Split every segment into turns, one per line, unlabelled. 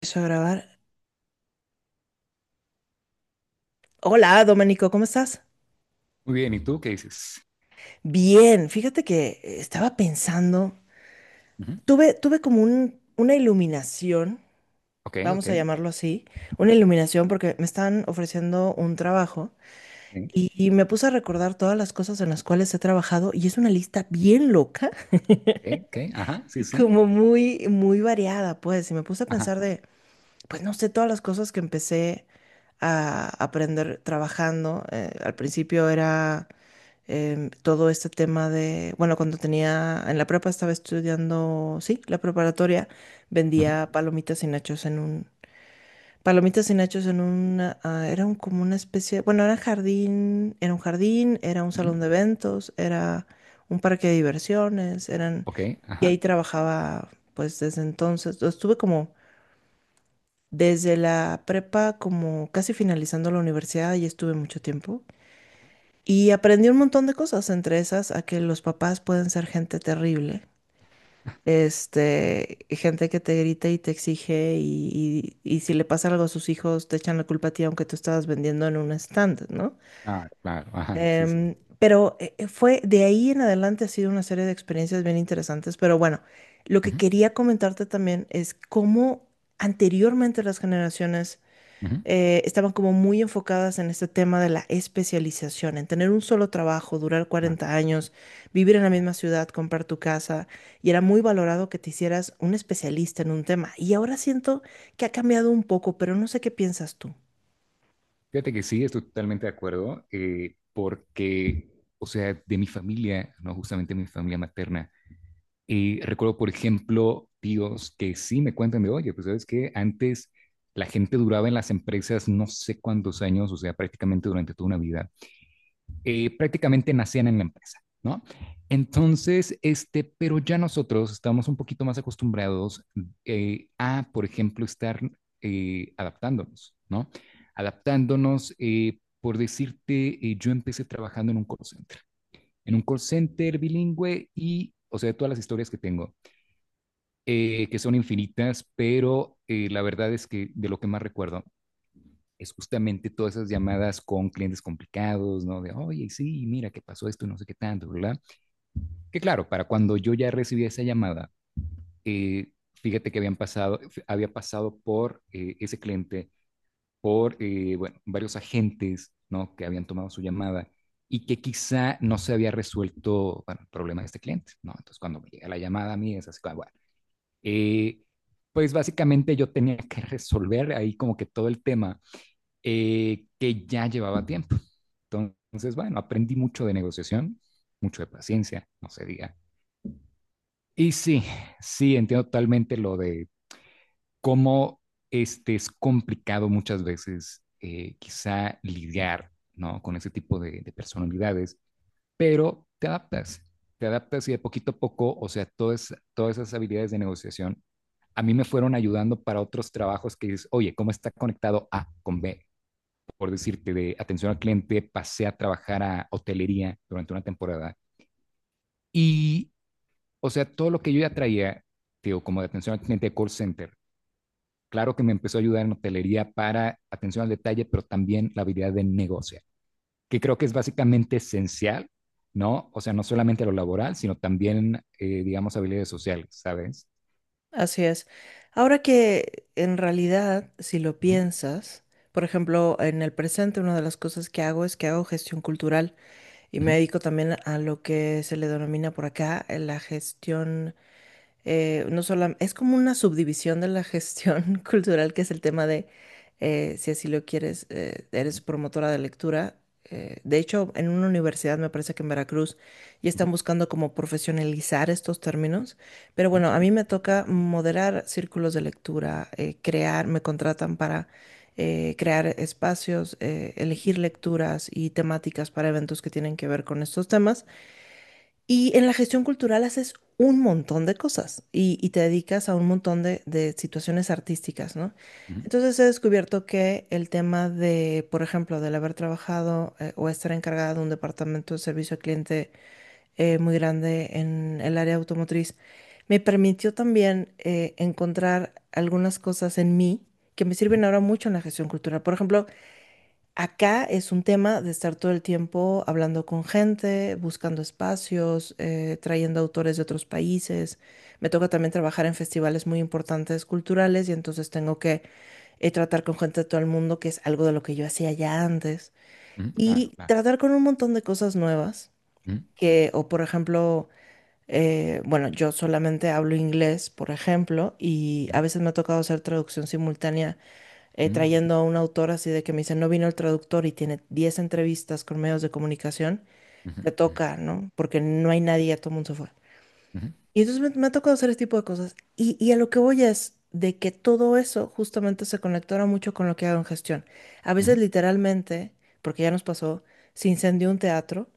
Empiezo a grabar. Hola, Domenico, ¿cómo estás?
Muy bien, ¿y tú qué dices?
Bien, fíjate que estaba pensando,
Ujú,
tuve como una iluminación,
ok, ok,
vamos a llamarlo así, una iluminación porque me están ofreciendo un trabajo
sí,
y me puse a recordar todas las cosas en las cuales he trabajado y es una lista bien loca
ok, ok, ajá, sí,
y
sí,
como muy, muy variada, pues, y me puse a
ajá,
pensar de, pues no sé, todas las cosas que empecé a aprender trabajando. Al principio era todo este tema de, bueno, en la prepa estaba estudiando, sí, la preparatoria,
ujú,
vendía palomitas y nachos en un, palomitas y nachos en una, ah, era un, como una especie, bueno, era jardín, era un salón de
ujú,
eventos, era un parque de diversiones, eran,
ok,
y
ajá,
ahí trabajaba, pues desde entonces, estuve como, desde la prepa, como casi finalizando la universidad, y estuve mucho tiempo. Y aprendí un montón de cosas, entre esas a que los papás pueden ser gente terrible, gente que te grita y te exige y si le pasa algo a sus hijos te echan la culpa a ti aunque tú estabas vendiendo en un stand, ¿no?
ah, claro, ajá, sí, sí.
Pero fue de ahí en adelante ha sido una serie de experiencias bien interesantes, pero bueno, lo que
Ujú,
quería comentarte también es cómo anteriormente las generaciones
ujú,
estaban como muy enfocadas en este tema de la especialización, en tener un solo trabajo, durar cuarenta
ah,
años, vivir en la
ah.
misma ciudad, comprar tu casa, y era muy valorado que te hicieras un especialista en un tema. Y ahora siento que ha cambiado un poco, pero no sé qué piensas tú.
Fíjate que sí, estoy totalmente de acuerdo, porque, o sea, de mi familia, no justamente mi familia materna, y recuerdo, por ejemplo, tíos que sí me cuentan de, oye, pues sabes que antes la gente duraba en las empresas no sé cuántos años, o sea, prácticamente durante toda una vida, prácticamente nacían en la empresa, ¿no? Entonces, este, pero ya nosotros estamos un poquito más acostumbrados, a, por ejemplo, estar adaptándonos, ¿no? Adaptándonos, por decirte, yo empecé trabajando en un call center, en un call center bilingüe y, o sea, todas las historias que tengo, que son infinitas, pero la verdad es que de lo que más recuerdo es justamente todas esas llamadas con clientes complicados, ¿no? De, oye, sí, mira, ¿qué pasó esto? No sé qué tanto, ¿verdad? Que claro, para cuando yo ya recibí esa llamada, fíjate que habían pasado, había pasado por ese cliente, por, bueno, varios agentes, ¿no? Que habían tomado su llamada y que quizá no se había resuelto, bueno, el problema de este cliente, ¿no? Entonces, cuando me llega la llamada a mí, es así, bueno, eh, pues básicamente yo tenía que resolver ahí como que todo el tema, que ya llevaba tiempo. Entonces, bueno, aprendí mucho de negociación, mucho de paciencia, no se diga. Y sí, sí, entiendo totalmente lo de cómo este es complicado muchas veces, quizá lidiar, ¿no? Con ese tipo de personalidades, pero te adaptas y de poquito a poco, o sea, todas esas habilidades de negociación a mí me fueron ayudando para otros trabajos que dices, oye, ¿cómo está conectado A con B? Por decirte, de atención al cliente, pasé a trabajar a hotelería durante una temporada. Y, o sea, todo lo que yo ya traía, digo, como de atención al cliente de call center, claro que me empezó a ayudar en hotelería para atención al detalle, pero también la habilidad de negociar que creo que es básicamente esencial, ¿no? O sea, no solamente lo laboral, sino también, digamos, habilidades sociales, ¿sabes?
Así es. Ahora que en realidad, si lo
Uh-huh,
piensas, por ejemplo, en el presente una de las cosas que hago es que hago gestión cultural y me
uh-huh,
dedico también a lo que se le denomina por acá la gestión no solo, es como una subdivisión de la gestión cultural, que es el tema de, si así lo quieres, eres promotora de lectura. De hecho, en una universidad, me parece que en Veracruz, ya
uh-huh,
están buscando como profesionalizar estos términos. Pero
¿eh?
bueno, a mí me toca moderar círculos de lectura, me contratan para crear espacios, elegir lecturas y temáticas para eventos que tienen que ver con estos temas. Y en la gestión cultural haces un montón de cosas y te dedicas a un montón de situaciones artísticas, ¿no?
Uh-huh,
Entonces he descubierto que el tema de, por ejemplo, del haber trabajado o estar encargada de un departamento de servicio al cliente muy grande en el área automotriz, me permitió también encontrar algunas cosas en mí que me
uh-huh,
sirven ahora mucho en la gestión cultural. Por ejemplo, acá es un tema de estar todo el tiempo hablando con gente, buscando espacios, trayendo autores de otros países. Me toca también trabajar en festivales muy importantes culturales y entonces tengo que tratar con gente de todo el mundo, que es algo de lo que yo hacía ya antes,
uh-huh, claro,
y
claro.
tratar con un montón de cosas nuevas,
Ujú,
o por ejemplo, bueno, yo solamente hablo inglés, por ejemplo, y a veces me ha tocado hacer traducción simultánea trayendo a un autor así de que me dice, no vino el traductor y tiene 10 entrevistas con medios de comunicación,
ujú,
te toca, ¿no? Porque no hay nadie, ya todo el mundo se fue. Y entonces me ha tocado hacer este tipo de cosas. Y a lo que voy es de que todo eso justamente se conectara mucho con lo que hago en gestión. A veces
ujú,
literalmente, porque ya nos pasó, se incendió un teatro.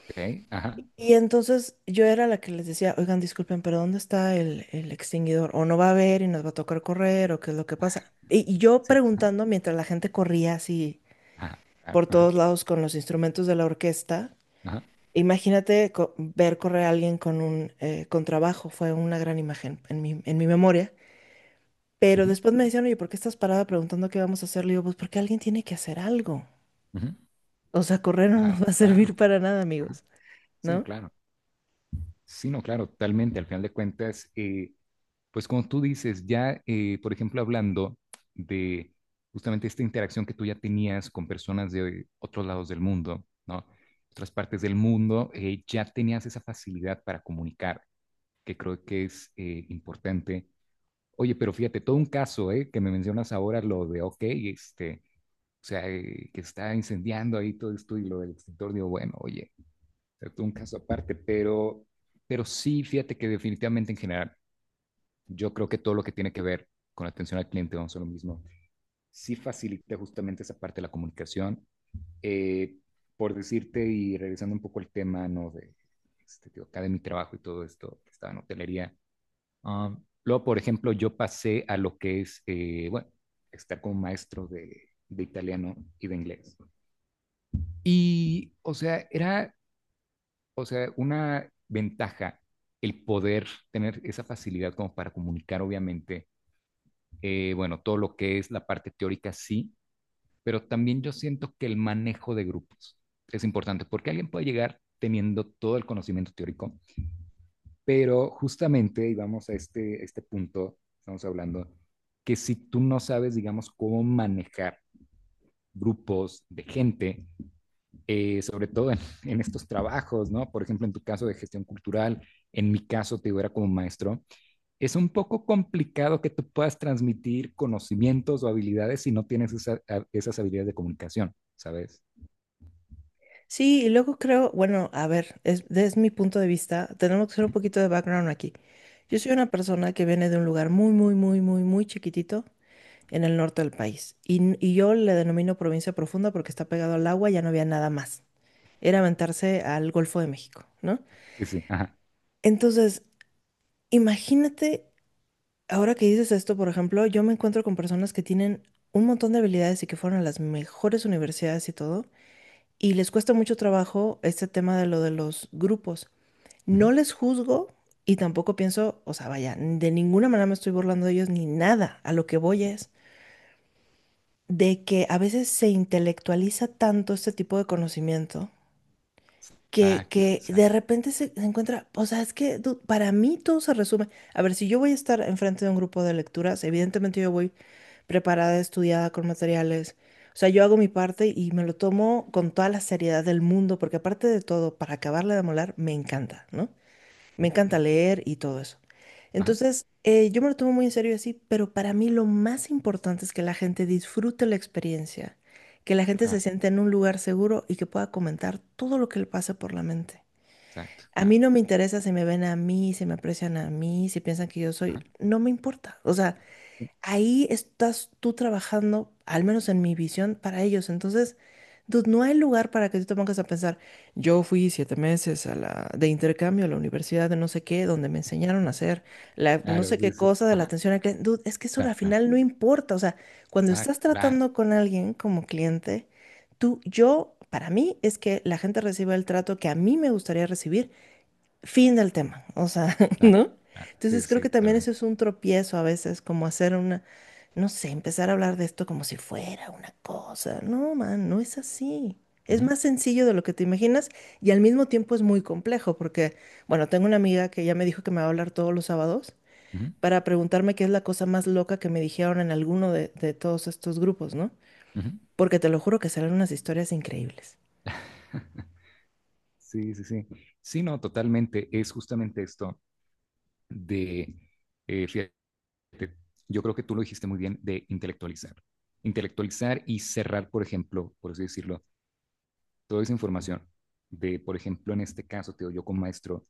ok, ajá,
Y entonces yo era la que les decía, oigan, disculpen, pero ¿dónde está el extinguidor? O no va a haber y nos va a tocar correr, o qué es lo que
ajá,
pasa. Y yo
sí, ajá,
preguntando mientras la gente corría así
ajá, claro,
por
ajá,
todos lados con los instrumentos de la orquesta.
ajá,
Imagínate ver correr a alguien con un contrabajo, fue una gran imagen en mi memoria. Pero
ujú,
después me decían, oye, ¿por qué estás parada preguntando qué vamos a hacer? Le digo, pues porque alguien tiene que hacer algo.
ujú,
O sea, correr no nos
claro,
va a servir
claro,
para nada,
ajá,
amigos,
sí, no,
¿no?
claro, sí, no, claro, totalmente, al final de cuentas, pues como tú dices, ya, por ejemplo, hablando de justamente esta interacción que tú ya tenías con personas de otros lados del mundo, ¿no? Otras partes del mundo, ya tenías esa facilidad para comunicar, que creo que es, importante. Oye, pero fíjate, todo un caso, ¿eh? Que me mencionas ahora lo de, ok, este o sea, que está incendiando ahí todo esto y lo del extintor, digo, bueno, oye, o sea, todo un caso aparte, pero sí, fíjate que definitivamente en general, yo creo que todo lo que tiene que ver con la atención al cliente, vamos a lo mismo, sí facilita justamente esa parte de la comunicación. Eh, por decirte, y regresando un poco al tema, ¿no? De, este, digo, acá de mi trabajo y todo esto, que estaba en hotelería. Luego, por ejemplo, yo pasé a lo que es, bueno, estar como maestro de italiano y de inglés. Y, o sea, era, o sea, una ventaja el poder tener esa facilidad como para comunicar, obviamente, bueno, todo lo que es la parte teórica, sí, pero también yo siento que el manejo de grupos es importante, porque alguien puede llegar teniendo todo el conocimiento teórico, pero justamente, y vamos a este punto, estamos hablando, que si tú no sabes, digamos, cómo manejar grupos de gente, sobre todo en, en, estos trabajos, ¿no? Por ejemplo, en tu caso de gestión cultural, en mi caso, te digo, era como maestro, es un poco complicado que tú puedas transmitir conocimientos o habilidades si no tienes esas habilidades de comunicación, ¿sabes?
Sí, y luego creo, bueno, a ver, es, desde mi punto de vista, tenemos que hacer un poquito de background aquí. Yo soy una persona que viene de un lugar muy, muy, muy, muy, muy chiquitito en el norte del país. Y yo le denomino provincia profunda porque está pegado al agua, ya no había nada más. Era aventarse al Golfo de México, ¿no?
Sí, sí, ajá.
Entonces, imagínate, ahora que dices esto, por ejemplo, yo me encuentro con personas que tienen un montón de habilidades y que fueron a las mejores universidades y todo, y les cuesta mucho trabajo este tema de lo de los grupos. No les juzgo y tampoco pienso, o sea, vaya, de ninguna manera me estoy burlando de ellos ni nada. A lo que voy es, de que a veces se intelectualiza tanto este tipo de conocimiento que,
Exacto,
que de
exacto.
repente se encuentra, o sea, es que para mí todo se resume. A ver, si yo voy a estar enfrente de un grupo de lecturas, evidentemente yo voy preparada, estudiada con materiales. O sea, yo hago mi parte y me lo tomo con toda la seriedad del mundo, porque aparte de todo, para acabarle de molar, me encanta, ¿no? Me encanta
Ajá,
leer y todo eso.
ajá,
Entonces, yo me lo tomo muy en serio y así, pero para mí lo más importante es que la gente disfrute la experiencia, que la gente se
claro,
sienta en un lugar seguro y que pueda comentar todo lo que le pasa por la mente.
exacto,
A mí
claro.
no me interesa si me ven a mí, si me aprecian a mí, si piensan que yo soy,
Ajá,
no me importa. O sea,
sí,
ahí estás tú trabajando, al menos en mi visión, para ellos. Entonces, dude, no hay lugar para que tú te pongas a pensar, yo fui 7 meses a de intercambio a la universidad de no sé qué, donde me enseñaron a hacer
sí,
la no
claro,
sé qué
sí, sí.
cosa de la
Ajá,
atención al cliente. Dude, es que eso al
claro, claro.
final no importa. O sea, cuando estás
Exacto, claro,
tratando con alguien como cliente, tú, yo, para mí, es que la gente reciba el trato que a mí me gustaría recibir. Fin del tema, o sea,
exacto,
¿no?
claro. Sí,
Entonces creo
sí, sí,
que
tal
también
vez.
eso es un tropiezo a veces, como hacer una, no sé, empezar a hablar de esto como si fuera una cosa. No, man, no es así. Es
Ujú,
más sencillo de lo que te imaginas y al mismo tiempo es muy complejo porque, bueno, tengo una amiga que ya me dijo que me va a hablar todos los sábados
ujú,
para preguntarme qué es la cosa más loca que me dijeron en alguno de todos estos grupos, ¿no?
ujú.
Porque te lo juro que serán unas historias increíbles.
Sí, sí, sí. Sí, no, totalmente. Es justamente esto de, fíjate, yo creo que tú lo dijiste muy bien, de intelectualizar. Intelectualizar y cerrar, por ejemplo, por así decirlo, toda esa información. De, por ejemplo, en este caso, te digo, yo con maestro,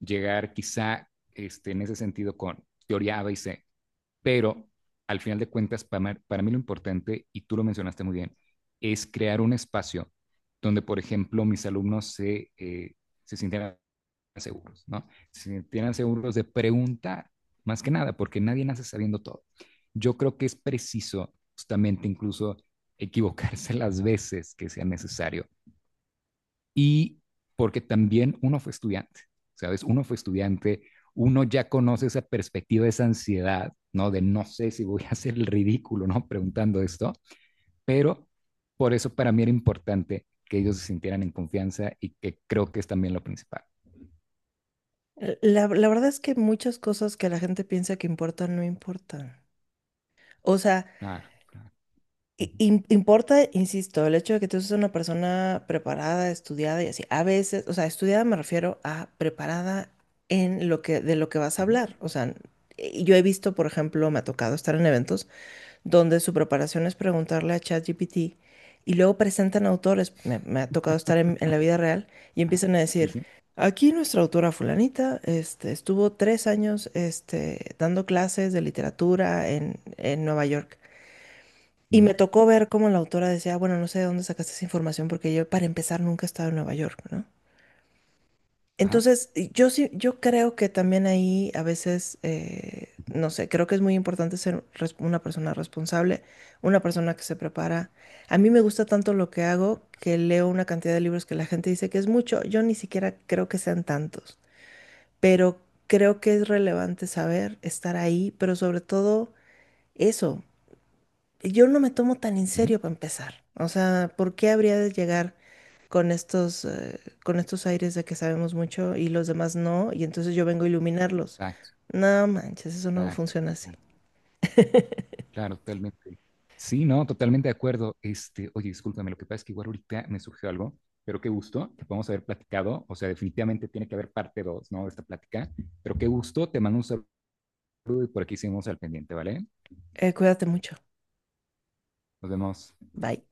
llegar quizá este, en ese sentido con teoría A, B y C, pero al final de cuentas, para mí lo importante, y tú lo mencionaste muy bien, es crear un espacio donde, por ejemplo, mis alumnos se sientan seguros, ¿no? Si tienen seguros de preguntar, más que nada, porque nadie nace sabiendo todo. Yo creo que es preciso justamente incluso equivocarse las veces que sea necesario. Y porque también uno fue estudiante, ¿sabes? Uno fue estudiante, uno ya conoce esa perspectiva, esa ansiedad, ¿no? De no sé si voy a hacer el ridículo, ¿no? Preguntando esto, pero por eso para mí era importante que ellos se sintieran en confianza y que creo que es también lo principal.
La verdad es que muchas cosas que la gente piensa que importan no importan. O sea,
Claro, claro.
importa, insisto, el hecho de que tú seas una persona preparada, estudiada y así. A veces, o sea, estudiada me refiero a preparada en lo que, de lo que vas a
Ujú,
hablar. O sea, y yo he visto, por ejemplo, me ha tocado estar en eventos donde su preparación es preguntarle a ChatGPT y luego presentan autores. Me ha tocado estar en la vida real y
ajá.
empiezan a
Sí,
decir,
sí.
aquí nuestra autora fulanita, estuvo 3 años, dando clases de literatura en Nueva York. Y me
Ujú,
tocó ver cómo la autora decía, bueno, no sé de dónde sacaste esa información porque yo para empezar nunca he estado en Nueva York, ¿no?
ajá.
Entonces, y yo sí, yo creo que también ahí a veces, no sé, creo que es muy importante ser una persona responsable, una persona que se prepara. A mí me gusta tanto lo que
Claro,
hago que leo una cantidad de libros que la gente dice que es mucho, yo ni siquiera creo que sean tantos, pero creo que es relevante saber estar ahí, pero sobre todo eso yo no me tomo tan en
ujú,
serio para empezar. O sea, ¿por qué habría de llegar con con estos aires de que sabemos mucho y los demás no? Y entonces yo vengo a iluminarlos.
exacto,
No manches, eso no
exacto.
funciona así.
Claro, claro, totalmente. Sí, no, totalmente de acuerdo. Este, oye, discúlpame, lo que pasa es que igual ahorita me surgió algo, pero qué gusto que podamos haber platicado. O sea, definitivamente tiene que haber parte dos, ¿no? De esta plática. Pero qué gusto, te mando un saludo y por aquí seguimos al pendiente, ¿vale?
Cuídate mucho.
Nos vemos.
Bye.